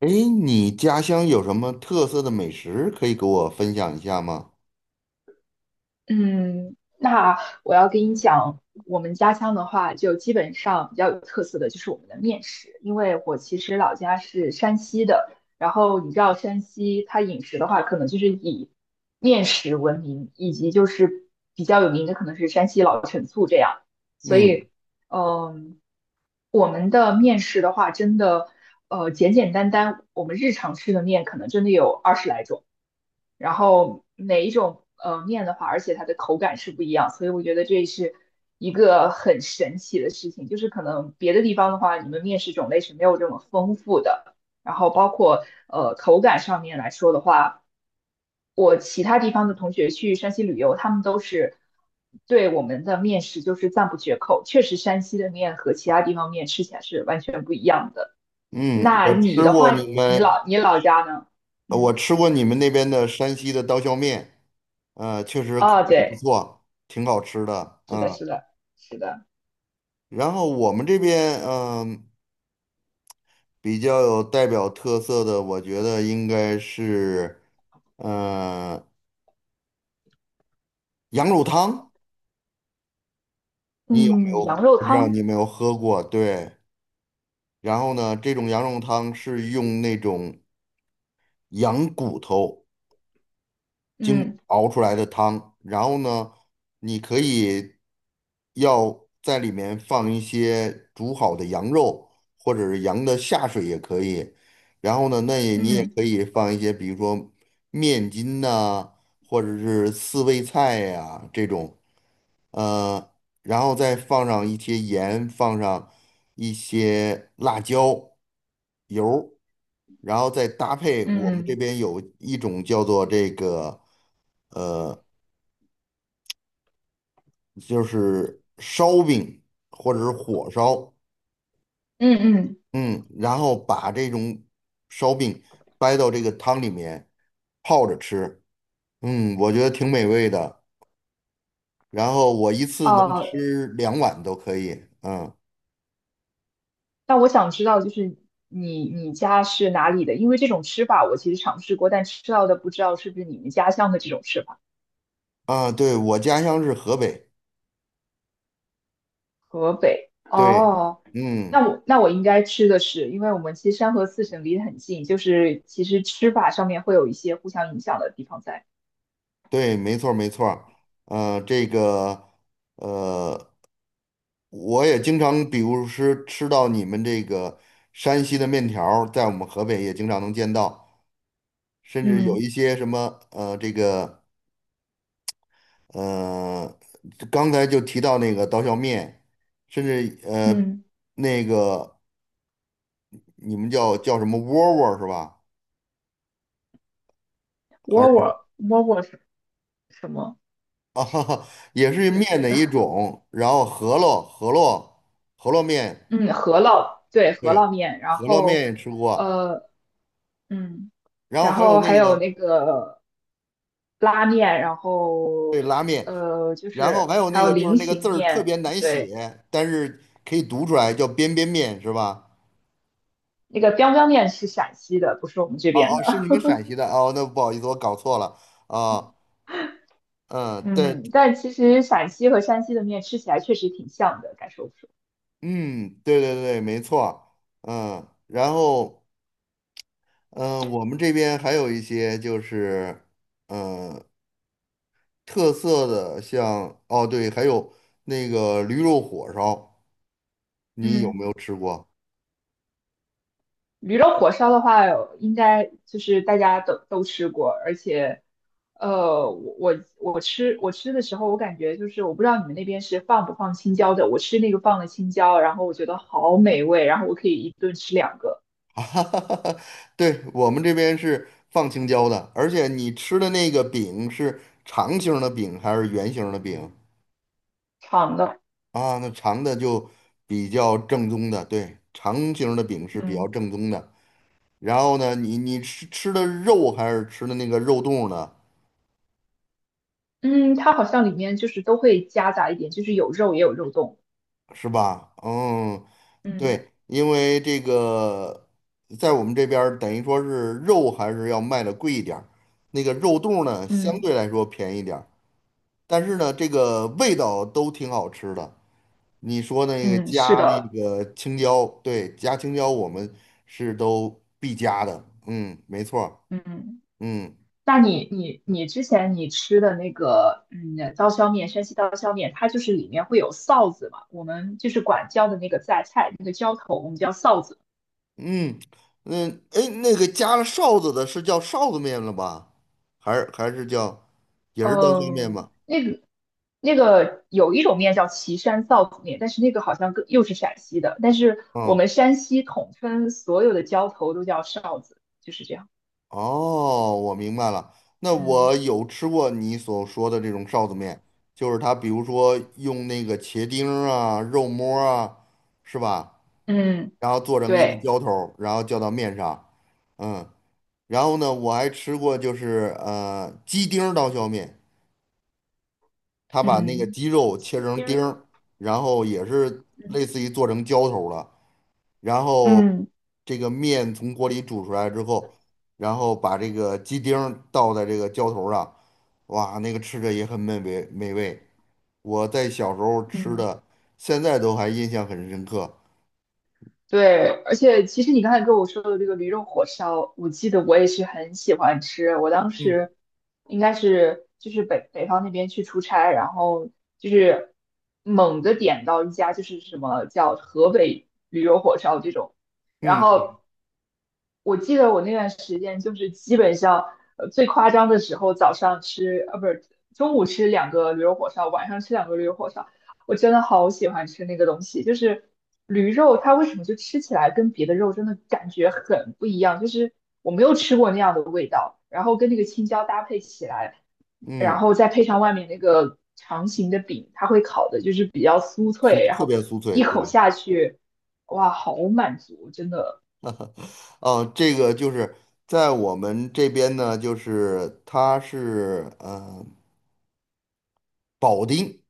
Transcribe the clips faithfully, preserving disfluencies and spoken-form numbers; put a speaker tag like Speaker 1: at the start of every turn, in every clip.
Speaker 1: 哎，你家乡有什么特色的美食可以给我分享一下吗？
Speaker 2: 嗯，那我要跟你讲，我们家乡的话，就基本上比较有特色的就是我们的面食，因为我其实老家是山西的，然后你知道山西它饮食的话，可能就是以面食闻名，以及就是比较有名的可能是山西老陈醋这样，所
Speaker 1: 嗯
Speaker 2: 以，嗯，我们的面食的话，真的，呃，简简单单，我们日常吃的面可能真的有二十来种。然后哪一种呃面的话，而且它的口感是不一样，所以我觉得这是一个很神奇的事情。就是可能别的地方的话，你们面食种类是没有这么丰富的，然后包括呃口感上面来说的话，我其他地方的同学去山西旅游，他们都是对我们的面食就是赞不绝口。确实，山西的面和其他地方面吃起来是完全不一样的。
Speaker 1: 嗯，
Speaker 2: 那
Speaker 1: 我
Speaker 2: 你
Speaker 1: 吃
Speaker 2: 的
Speaker 1: 过
Speaker 2: 话，
Speaker 1: 你
Speaker 2: 你
Speaker 1: 们，
Speaker 2: 老你老家呢？
Speaker 1: 呃
Speaker 2: 嗯，
Speaker 1: 我吃过你们那边的山西的刀削面。呃，确实口
Speaker 2: 哦，
Speaker 1: 感不
Speaker 2: 对。
Speaker 1: 错，挺好吃的。
Speaker 2: 是的，
Speaker 1: 嗯，
Speaker 2: 是的，是的，
Speaker 1: 然后我们这边，嗯、比较有代表特色的，我觉得应该是，呃，羊肉汤。你有没
Speaker 2: 嗯，
Speaker 1: 有？
Speaker 2: 羊肉
Speaker 1: 不知道
Speaker 2: 汤，
Speaker 1: 你有没有喝过？对。然后呢，这种羊肉汤是用那种羊骨头经
Speaker 2: 嗯
Speaker 1: 熬出来的汤。然后呢，你可以要在里面放一些煮好的羊肉，或者是羊的下水也可以。然后呢，那也你也
Speaker 2: 嗯
Speaker 1: 可以放一些，比如说面筋呐、或者是四味菜呀、这种，呃，然后再放上一些盐，放上一些辣椒油儿，然后再搭配我们这
Speaker 2: 嗯
Speaker 1: 边有一种叫做这个就是烧饼或者是火烧。
Speaker 2: 嗯嗯，
Speaker 1: 嗯，然后把这种烧饼掰到这个汤里面泡着吃，嗯，我觉得挺美味的。然后我一次能
Speaker 2: 哦，
Speaker 1: 吃两碗都可以。嗯，
Speaker 2: 那我想知道，就是你你家是哪里的？因为这种吃法我其实尝试过，但吃到的不知道是不是你们家乡的这种吃法。
Speaker 1: 啊，对，我家乡是河北，
Speaker 2: 河北，
Speaker 1: 对。
Speaker 2: 哦，
Speaker 1: 嗯，
Speaker 2: 那我那我应该吃的是，因为我们其实山河四省离得很近，就是其实吃法上面会有一些互相影响的地方在。
Speaker 1: 对，没错儿没错儿。呃，这个我也经常，比如是吃到你们这个山西的面条儿在我们河北也经常能见到，甚至有
Speaker 2: 嗯
Speaker 1: 一些什么呃，这个呃，刚才就提到那个刀削面，甚至呃，
Speaker 2: 嗯，
Speaker 1: 那个你们叫叫什么窝窝儿是吧？还
Speaker 2: 窝
Speaker 1: 是
Speaker 2: 窝窝窝是什么？
Speaker 1: 啊，也是面的
Speaker 2: 是？
Speaker 1: 一种，然后饸饹饸饹饸饹面，
Speaker 2: 嗯，饸烙对，饸
Speaker 1: 对，
Speaker 2: 烙面，然
Speaker 1: 饸饹
Speaker 2: 后
Speaker 1: 面也吃过。
Speaker 2: 呃，嗯，
Speaker 1: 然后
Speaker 2: 然
Speaker 1: 还有
Speaker 2: 后还
Speaker 1: 那
Speaker 2: 有
Speaker 1: 个，
Speaker 2: 那个拉面，然后
Speaker 1: 对，拉面。
Speaker 2: 呃，就
Speaker 1: 然后
Speaker 2: 是
Speaker 1: 还有
Speaker 2: 还
Speaker 1: 那
Speaker 2: 有
Speaker 1: 个，就是
Speaker 2: 菱
Speaker 1: 那个字
Speaker 2: 形
Speaker 1: 儿特别
Speaker 2: 面，
Speaker 1: 难
Speaker 2: 对，
Speaker 1: 写，但是可以读出来，叫边边面是吧？
Speaker 2: 那个 b i 面是陕西的，不是我们这
Speaker 1: 哦
Speaker 2: 边
Speaker 1: 哦，是
Speaker 2: 的。
Speaker 1: 你们陕西的哦，那不好意思，我搞错了啊。嗯，对，
Speaker 2: 嗯，但其实陕西和山西的面吃起来确实挺像的，该说不说。
Speaker 1: 嗯，对对对，没错儿。嗯，然后，嗯，呃我们这边还有一些就是，嗯，特色的像，哦对，还有那个驴肉火烧，你有
Speaker 2: 嗯。
Speaker 1: 没有吃过？
Speaker 2: 驴肉火烧的话，应该就是大家都都吃过，而且，呃，我我我吃我吃的时候，我感觉就是我不知道你们那边是放不放青椒的，我吃那个放了青椒，然后我觉得好美味，然后我可以一顿吃两个
Speaker 1: 啊，对，我们这边是放青椒的，而且你吃的那个饼是长形儿的饼还是圆形儿的饼
Speaker 2: 长的，
Speaker 1: 啊？那长的就比较正宗的，对，长形儿的饼是比较
Speaker 2: 嗯
Speaker 1: 正宗的。然后呢，你你吃吃的肉还是吃的那个肉冻儿呢？
Speaker 2: 嗯，它好像里面就是都会夹杂一点，就是有肉也有肉冻，
Speaker 1: 是吧？嗯，
Speaker 2: 嗯
Speaker 1: 对，因为这个在我们这边儿等于说是肉还是要卖的贵一点儿，那个肉冻儿呢相
Speaker 2: 嗯
Speaker 1: 对来说便宜点儿。但是呢，这个味道都挺好吃的。你说那个
Speaker 2: 嗯，是
Speaker 1: 加那
Speaker 2: 的，
Speaker 1: 个青椒，对，加青椒我们是都必加的。嗯，没错儿。
Speaker 2: 嗯。
Speaker 1: 嗯
Speaker 2: 那你你你之前你吃的那个嗯刀削面，山西刀削面，它就是里面会有臊子嘛？我们就是管叫的那个榨菜，那个浇头，我们叫臊子。
Speaker 1: 嗯嗯，哎，那个加了臊子的是叫臊子面了吧？还是还是叫也是刀削面
Speaker 2: 嗯，
Speaker 1: 吧？
Speaker 2: 那个那个有一种面叫岐山臊子面，但是那个好像更又是陕西的，但是我
Speaker 1: 嗯，
Speaker 2: 们山西统称所有的浇头都叫臊子，就是这样。
Speaker 1: 哦，我明白了。那
Speaker 2: 嗯
Speaker 1: 我有吃过你所说的这种臊子面，就是它，比如说用那个茄丁儿啊、肉末儿啊，是吧？
Speaker 2: 嗯，
Speaker 1: 然后做成一个
Speaker 2: 对，
Speaker 1: 浇头儿，然后浇到面上。嗯，然后呢，我还吃过就是呃鸡丁儿刀削面，他把那个
Speaker 2: 嗯
Speaker 1: 鸡肉切成丁儿，然后也是
Speaker 2: 其实嗯
Speaker 1: 类似于做成浇头儿了，然后
Speaker 2: 嗯。
Speaker 1: 这个面从锅里煮出来之后，然后把这个鸡丁儿倒在这个浇头儿上，哇，那个吃着也很美味美味，我在小时候吃
Speaker 2: 嗯。
Speaker 1: 的，现在都还印象很深刻。
Speaker 2: 对，而且其实你刚才跟我说的这个驴肉火烧，我记得我也是很喜欢吃。我当
Speaker 1: 嗯
Speaker 2: 时应该是就是北北方那边去出差，然后就是猛地点到一家就是什么叫河北驴肉火烧这种，然
Speaker 1: 嗯
Speaker 2: 后我记得我那段时间就是基本上呃最夸张的时候，早上吃呃不是中午吃两个驴肉火烧，晚上吃两个驴肉火烧。我真的好喜欢吃那个东西，就是驴肉，它为什么就吃起来跟别的肉真的感觉很不一样？就是我没有吃过那样的味道，然后跟那个青椒搭配起来，然
Speaker 1: 嗯，
Speaker 2: 后再配上外面那个长形的饼，它会烤的就是比较酥
Speaker 1: 酥
Speaker 2: 脆，然
Speaker 1: 特
Speaker 2: 后
Speaker 1: 别酥脆，
Speaker 2: 一口
Speaker 1: 对。
Speaker 2: 下去，哇，好满足，真的。
Speaker 1: 哦，这个就是在我们这边呢，就是它是，嗯，保定，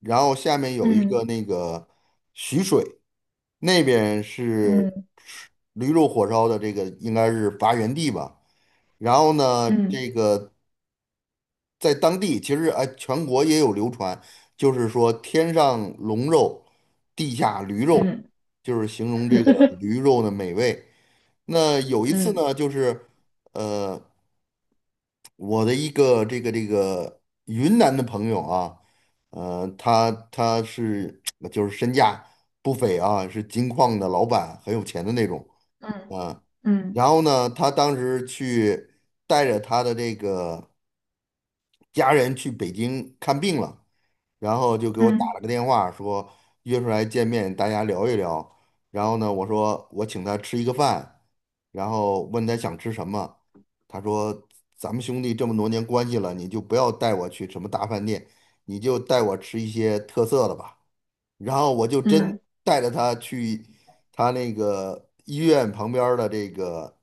Speaker 1: 然后下面有一
Speaker 2: 嗯
Speaker 1: 个那个徐水，那边是
Speaker 2: 嗯
Speaker 1: 吃驴肉火烧的这个应该是发源地吧。然后呢，
Speaker 2: 嗯
Speaker 1: 这个在当地其实哎，全国也有流传，就是说天上龙肉，地下驴肉，
Speaker 2: 嗯
Speaker 1: 就是形容这个驴肉的美味。那有一次
Speaker 2: 嗯
Speaker 1: 呢，就是呃。我的一个这个这个云南的朋友啊，呃，他他是 就是身价不菲啊，是金矿的老板，很有钱的那种
Speaker 2: 嗯
Speaker 1: 啊。
Speaker 2: 嗯
Speaker 1: 然后呢，他当时去带着他的这个家人去北京看病了，然后就给我打
Speaker 2: 嗯
Speaker 1: 了个电话，说约出来见面，大家聊一聊。然后呢，我说我请他吃一个饭，然后问他想吃什么，他说咱们兄弟这么多年关系了，你就不要带我去什么大饭店，你就带我吃一些特色的吧。然后我就真
Speaker 2: 嗯
Speaker 1: 带着他去他那个医院旁边儿的这个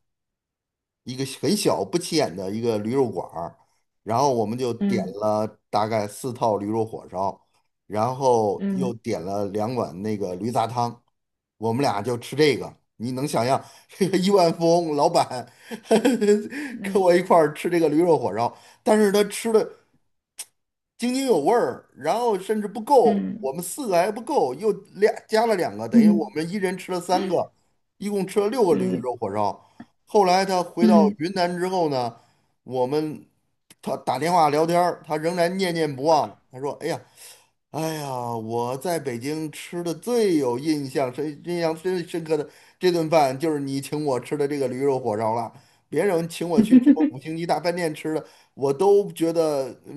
Speaker 1: 一个很小不起眼的一个驴肉馆儿，然后我们就点
Speaker 2: 嗯
Speaker 1: 了大概四套驴肉火烧，然后
Speaker 2: 嗯
Speaker 1: 又点了两碗那个驴杂汤，我们俩就吃这个。你能想象这个亿万富翁老板 跟
Speaker 2: 嗯
Speaker 1: 我一块儿吃这个驴肉火烧，但是他吃的津津有味儿，然后甚至不够，
Speaker 2: 嗯
Speaker 1: 我们四个还不够，又俩加了两个，等于我
Speaker 2: 嗯。
Speaker 1: 们一人吃了三个，一共吃了六个驴
Speaker 2: 嗯。
Speaker 1: 肉火烧。后来他回到
Speaker 2: 嗯
Speaker 1: 云南之后呢，我们他打电话聊天儿他仍然念念不忘。他说："哎呀，哎呀，我在北京吃的最有印象深、印象最深刻的这顿饭，就是你请我吃的这个驴肉火烧了。别人请我去什么五星级大饭店吃的，我都觉得嗯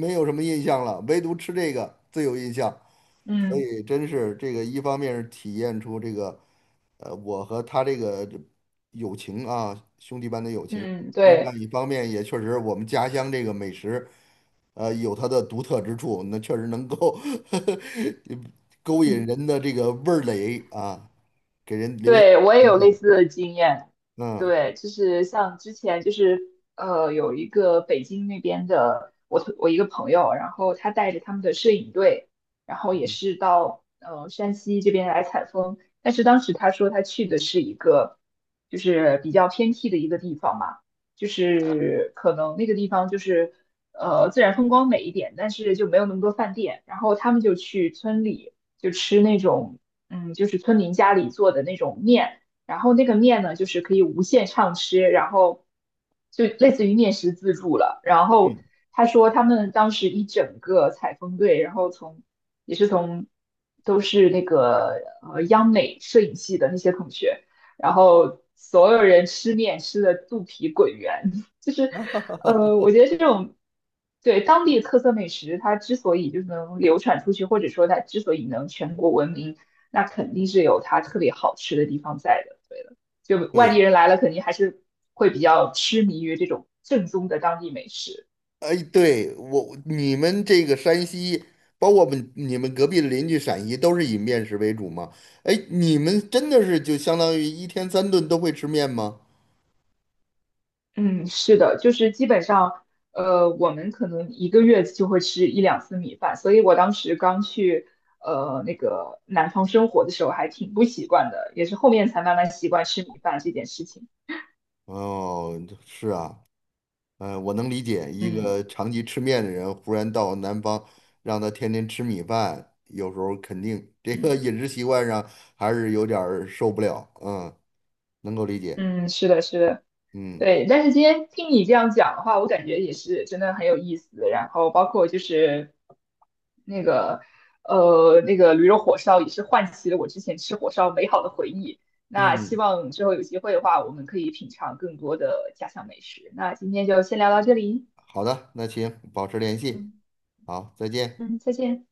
Speaker 1: 没有什么印象了，唯独吃这个最有印象。所
Speaker 2: 嗯
Speaker 1: 以真是这个，一方面是体验出这个，呃，我和他这个这友情啊，兄弟般的友情；
Speaker 2: 嗯，
Speaker 1: 另外
Speaker 2: 对，
Speaker 1: 一方面也确实我们家乡这个美食。呃，有它的独特之处，那确实能够 勾引人的这个味儿蕾啊，给人留下
Speaker 2: 对，我也
Speaker 1: 印
Speaker 2: 有类
Speaker 1: 象。
Speaker 2: 似的经验。
Speaker 1: 嗯
Speaker 2: 对，就是像之前就是呃，有一个北京那边的我同我一个朋友，然后他带着他们的摄影队，然后也
Speaker 1: 嗯
Speaker 2: 是到呃山西这边来采风。但是当时他说他去的是一个就是比较偏僻的一个地方嘛，就是可能那个地方就是呃自然风光美一点，但是就没有那么多饭店。然后他们就去村里就吃那种。嗯，就是村民家里做的那种面，然后那个面呢，就是可以无限畅吃，然后就类似于面食自助了。然后
Speaker 1: 嗯，
Speaker 2: 他说他们当时一整个采风队，然后从也是从都是那个呃央美摄影系的那些同学，然后所有人吃面吃的肚皮滚圆，就是呃，我觉得这种。对，当地特色美食，它之所以就是能流传出去，或者说它之所以能全国闻名，那肯定是有它特别好吃的地方在的。对的，就外地
Speaker 1: 对，
Speaker 2: 人来了，肯定还是会比较痴迷于这种正宗的当地美食。
Speaker 1: 哎，对我你们这个山西，包括我们你们隔壁的邻居陕西，都是以面食为主吗？哎，你们真的是就相当于一天三顿都会吃面吗？
Speaker 2: 嗯，是的，就是基本上，呃，我们可能一个月就会吃一两次米饭，所以我当时刚去呃那个南方生活的时候还挺不习惯的，也是后面才慢慢习惯吃米饭这件事情。
Speaker 1: 哦，是啊。嗯，我能理解一
Speaker 2: 嗯
Speaker 1: 个长期吃面的人，忽然到南方，让他天天吃米饭，有时候肯定这个
Speaker 2: 嗯
Speaker 1: 饮食习惯上还是有点儿受不了。嗯，能够理解。
Speaker 2: 嗯，是的，是的。
Speaker 1: 嗯
Speaker 2: 对，但是今天听你这样讲的话，我感觉也是真的很有意思。然后包括就是那个呃那个驴肉火烧，也是唤起了我之前吃火烧美好的回忆。那希
Speaker 1: 嗯，
Speaker 2: 望之后有机会的话，我们可以品尝更多的家乡美食。那今天就先聊到这里，
Speaker 1: 好的，那行，保持联系，
Speaker 2: 嗯
Speaker 1: 好，再见。
Speaker 2: 嗯，再见。